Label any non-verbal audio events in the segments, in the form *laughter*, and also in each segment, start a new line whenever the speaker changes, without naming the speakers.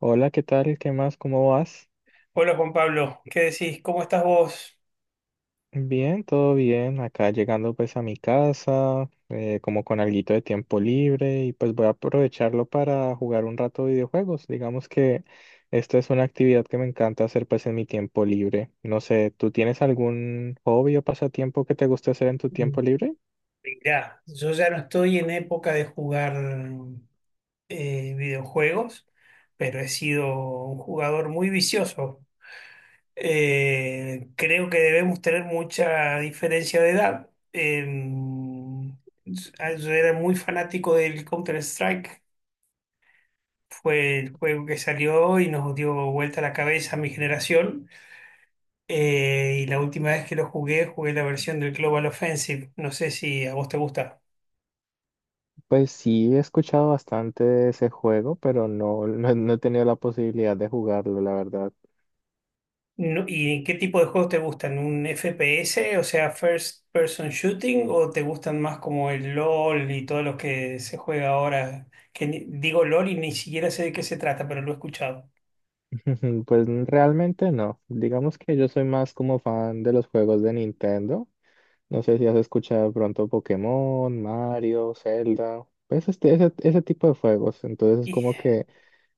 Hola, ¿qué tal? ¿Qué más? ¿Cómo vas?
Hola Juan Pablo, ¿qué decís? ¿Cómo estás vos?
Bien, todo bien. Acá llegando pues a mi casa, como con alguito de tiempo libre y pues voy a aprovecharlo para jugar un rato videojuegos. Digamos que esta es una actividad que me encanta hacer pues en mi tiempo libre. No sé, ¿tú tienes algún hobby o pasatiempo que te guste hacer en tu tiempo libre?
Mirá, yo ya no estoy en época de jugar videojuegos, pero he sido un jugador muy vicioso. Creo que debemos tener mucha diferencia de edad. Yo era muy fanático del Counter-Strike, fue el juego que salió y nos dio vuelta la cabeza a mi generación. Y la última vez que lo jugué, jugué la versión del Global Offensive. No sé si a vos te gusta.
Pues sí, he escuchado bastante de ese juego, pero no, *laughs* no, no he tenido la posibilidad de jugarlo, la verdad.
¿Y qué tipo de juegos te gustan? ¿Un FPS, o sea, First Person Shooting, o te gustan más como el LOL y todos los que se juega ahora? Que digo LOL y ni siquiera sé de qué se trata, pero lo he escuchado.
Ujú, pues realmente no. Digamos que yo soy más como fan de los juegos de Nintendo. No sé si has escuchado de pronto Pokémon, Mario, Zelda, pues ese tipo de juegos. Entonces es
Y
como que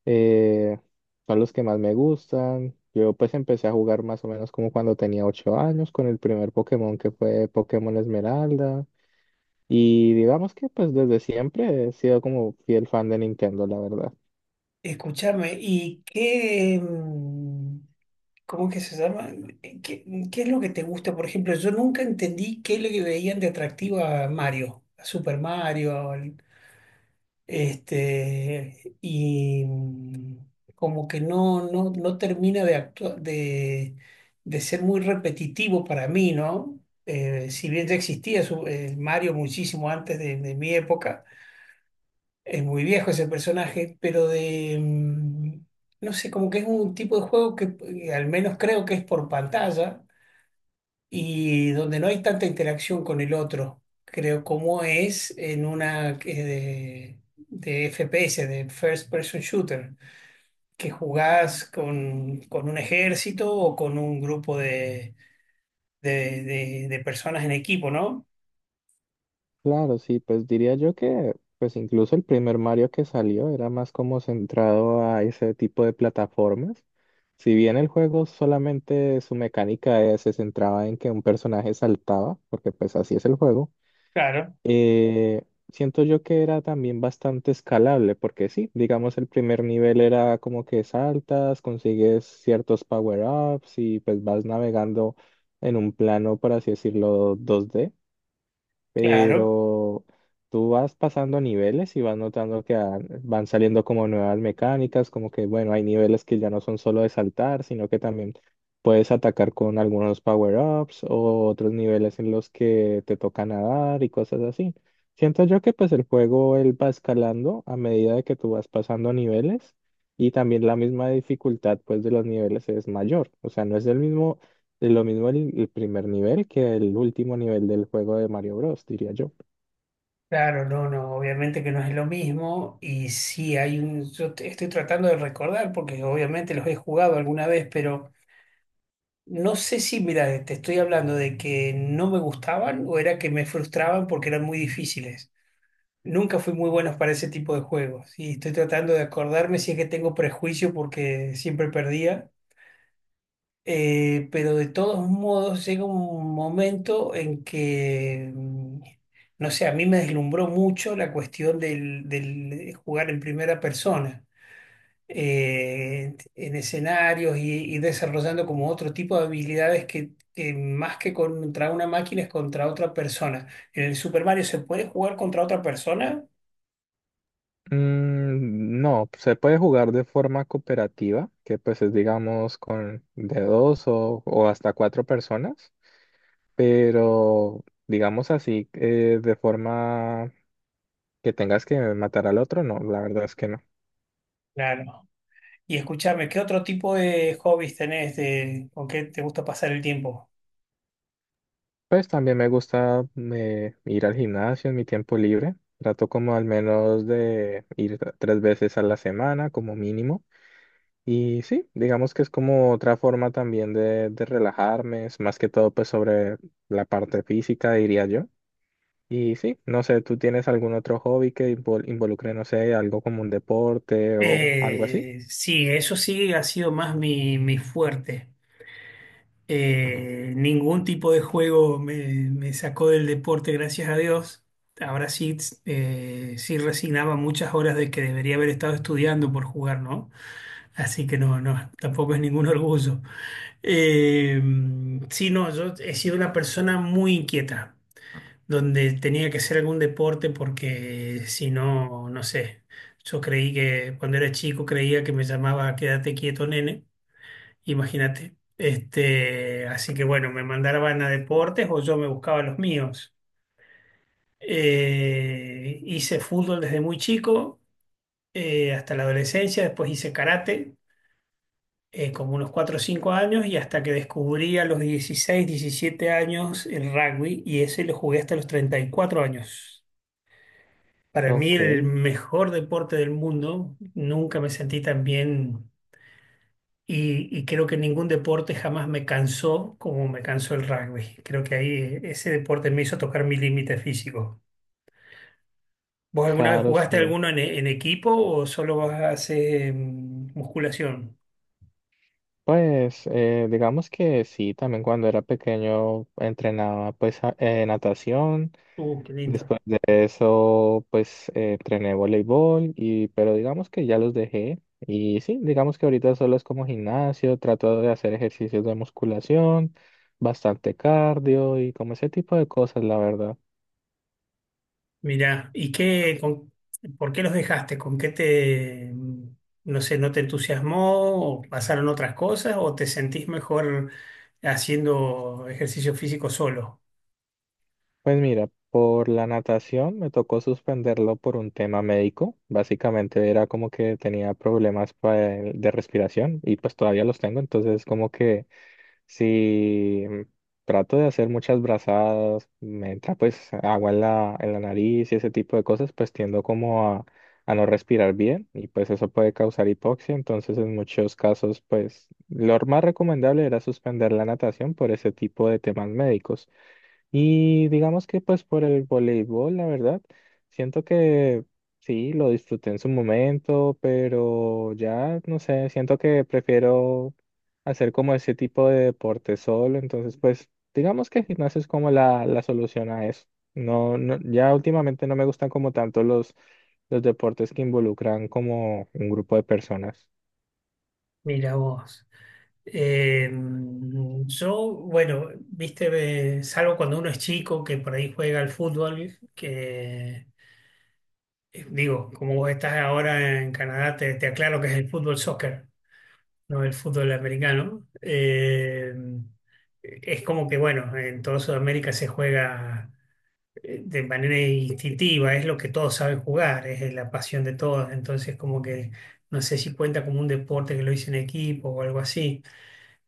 eh, son los que más me gustan. Yo pues empecé a jugar más o menos como cuando tenía ocho años con el primer Pokémon, que fue Pokémon Esmeralda. Y digamos que pues desde siempre he sido como fiel fan de Nintendo, la verdad.
escúchame, ¿y qué, cómo que se llama? Eh, ¿Qué, qué es lo que te gusta? Por ejemplo, yo nunca entendí qué le veían de atractivo a Mario, a Super Mario. Este, y como que no termina de ser muy repetitivo para mí, ¿no? Si bien ya existía el Mario muchísimo antes de mi época, es muy viejo ese personaje, pero no sé, como que es un tipo de juego que al menos creo que es por pantalla y donde no hay tanta interacción con el otro, creo, como es en una de FPS, de First Person Shooter, que jugás con un ejército o con un grupo de personas en equipo, ¿no?
Claro, sí, pues diría yo que pues incluso el primer Mario que salió era más como centrado a ese tipo de plataformas. Si bien el juego solamente su mecánica se centraba en que un personaje saltaba, porque pues así es el juego,
Claro,
eh, siento yo que era también bastante escalable, porque sí, digamos el primer nivel era como que saltas, consigues ciertos power-ups y pues vas navegando en un plano, por así decirlo, 2D,
claro.
pero tú vas pasando niveles y vas notando que van saliendo como nuevas mecánicas, como que, bueno, hay niveles que ya no son solo de saltar, sino que también puedes atacar con algunos power-ups, o otros niveles en los que te toca nadar y cosas así. Siento yo que pues el juego él va escalando a medida de que tú vas pasando niveles, y también la misma dificultad pues de los niveles es mayor, o sea, no es el mismo de lo mismo el primer nivel que el último nivel del juego de Mario Bros, diría yo.
Claro, no, no, obviamente que no es lo mismo y sí hay estoy tratando de recordar porque obviamente los he jugado alguna vez, pero no sé si, mira, te estoy hablando de que no me gustaban o era que me frustraban porque eran muy difíciles. Nunca fui muy bueno para ese tipo de juegos y estoy tratando de acordarme si es que tengo prejuicio porque siempre perdía. Pero de todos modos llega un momento en que, no sé, a mí me deslumbró mucho la cuestión del jugar en primera persona en escenarios y desarrollando como otro tipo de habilidades que más que contra una máquina es contra otra persona. En el Super Mario se puede jugar contra otra persona,
Mm, no, se puede jugar de forma cooperativa, que pues es digamos con de dos o hasta cuatro personas, pero digamos así, de forma que tengas que matar al otro, no, la verdad es que no.
claro. Y escúchame, ¿qué otro tipo de hobbies tenés con qué te gusta pasar el tiempo?
Pues también me gusta ir al gimnasio en mi tiempo libre. Trato como al menos de ir tres veces a la semana como mínimo. Y sí, digamos que es como otra forma también de relajarme, es más que todo pues sobre la parte física, diría yo. Y sí, no sé, ¿tú tienes algún otro hobby que involucre, no sé, algo como un deporte o algo así?
Sí, eso sí ha sido más mi fuerte. Ningún tipo de juego me sacó del deporte, gracias a Dios. Ahora sí, sí resignaba muchas horas de que debería haber estado estudiando por jugar, ¿no? Así que no, no, tampoco es ningún orgullo. Eh, sí, no, yo he sido una persona muy inquieta, donde tenía que hacer algún deporte porque si no, no sé. Yo creí que cuando era chico creía que me llamaba Quédate quieto, nene. Imagínate. Este, así que bueno, me mandaban a deportes o yo me buscaba los míos. Hice fútbol desde muy chico, hasta la adolescencia, después hice karate, como unos 4 o 5 años, y hasta que descubrí a los 16 17 años el rugby, y ese lo jugué hasta los 34 años. Para mí
Ok,
el mejor deporte del mundo, nunca me sentí tan bien y creo que ningún deporte jamás me cansó como me cansó el rugby. Creo que ahí ese deporte me hizo tocar mi límite físico. ¿Vos alguna vez
claro,
jugaste
sí.
alguno en equipo o solo vas a hacer musculación?
Pues digamos que sí, también cuando era pequeño entrenaba pues natación.
Qué lindo.
Después de eso, pues entrené voleibol y, pero digamos que ya los dejé. Y sí, digamos que ahorita solo es como gimnasio, trato de hacer ejercicios de musculación, bastante cardio y como ese tipo de cosas, la verdad.
Mirá, ¿ por qué los dejaste? ¿Con qué no sé, no te entusiasmó o pasaron otras cosas o te sentís mejor haciendo ejercicio físico solo?
Pues mira, por la natación me tocó suspenderlo por un tema médico. Básicamente era como que tenía problemas de respiración y pues todavía los tengo, entonces como que sí, trato de hacer muchas brazadas, me entra pues agua en la nariz y ese tipo de cosas, pues tiendo como a no respirar bien y pues eso puede causar hipoxia, entonces en muchos casos pues lo más recomendable era suspender la natación por ese tipo de temas médicos. Y digamos que pues por el voleibol, la verdad, siento que sí, lo disfruté en su momento, pero ya, no sé, siento que prefiero hacer como ese tipo de deporte solo, entonces pues digamos que gimnasio es como la solución a eso. No, no, ya últimamente no me gustan como tanto los deportes que involucran como un grupo de personas.
Mira vos. Eh, yo, bueno, viste, salvo cuando uno es chico que por ahí juega al fútbol, que digo, como vos estás ahora en Canadá, te aclaro que es el fútbol soccer, no el fútbol americano. Es como que, bueno, en toda Sudamérica se juega de manera instintiva, es lo que todos saben jugar, es la pasión de todos, entonces como que no sé si cuenta como un deporte que lo hice en equipo o algo así.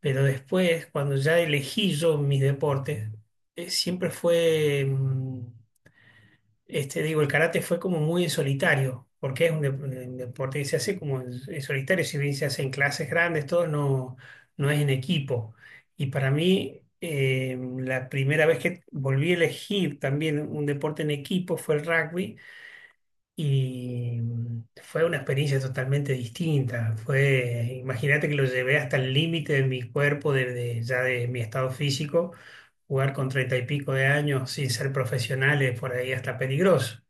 Pero después, cuando ya elegí yo mis deportes, siempre fue, este, digo, el karate fue como muy en solitario, porque es un deporte que se hace como en solitario, si bien se hace en clases grandes, todo no, no es en equipo. Y para mí, la primera vez que volví a elegir también un deporte en equipo fue el rugby y fue una experiencia totalmente distinta. Fue, imagínate que lo llevé hasta el límite de mi cuerpo, ya de mi estado físico, jugar con 30 y pico de años sin ser profesionales, por ahí hasta peligroso.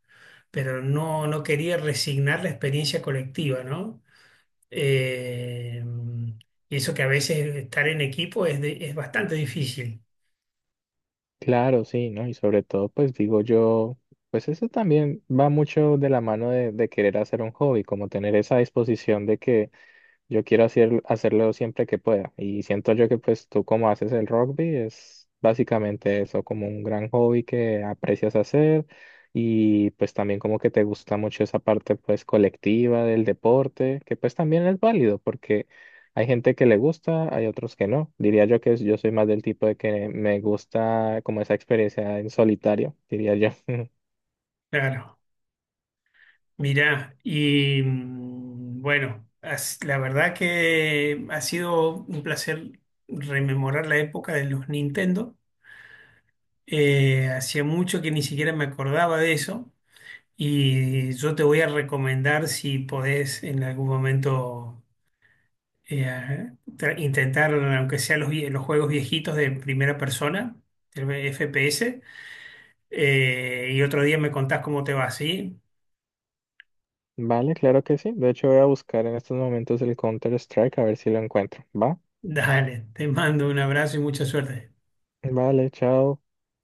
Pero no, no quería resignar la experiencia colectiva, ¿no? Eh, mm, y eso que a veces estar en equipo es bastante difícil.
Claro, sí, ¿no? Y sobre todo, pues digo yo, pues eso también va mucho de la mano de querer hacer un hobby, como tener esa disposición de que yo quiero hacer, hacerlo siempre que pueda. Y siento yo que pues tú como haces el rugby es básicamente eso, como un gran hobby que aprecias hacer, y pues también como que te gusta mucho esa parte pues colectiva del deporte, que pues también es válido porque hay gente que le gusta, hay otros que no. Diría yo que yo soy más del tipo de que me gusta como esa experiencia en solitario, diría yo. *laughs*
Claro. Mirá, y bueno, la verdad que ha sido un placer rememorar la época de los Nintendo. Hacía mucho que ni siquiera me acordaba de eso y yo te voy a recomendar si podés en algún momento intentar, aunque sea los juegos viejitos de primera persona, el FPS, y otro día me contás cómo te va, ¿sí?
Vale, claro que sí. De hecho voy a buscar en estos momentos el Counter Strike a ver si lo encuentro. ¿Va?
Dale, te mando un abrazo y mucha suerte.
Vale, chao.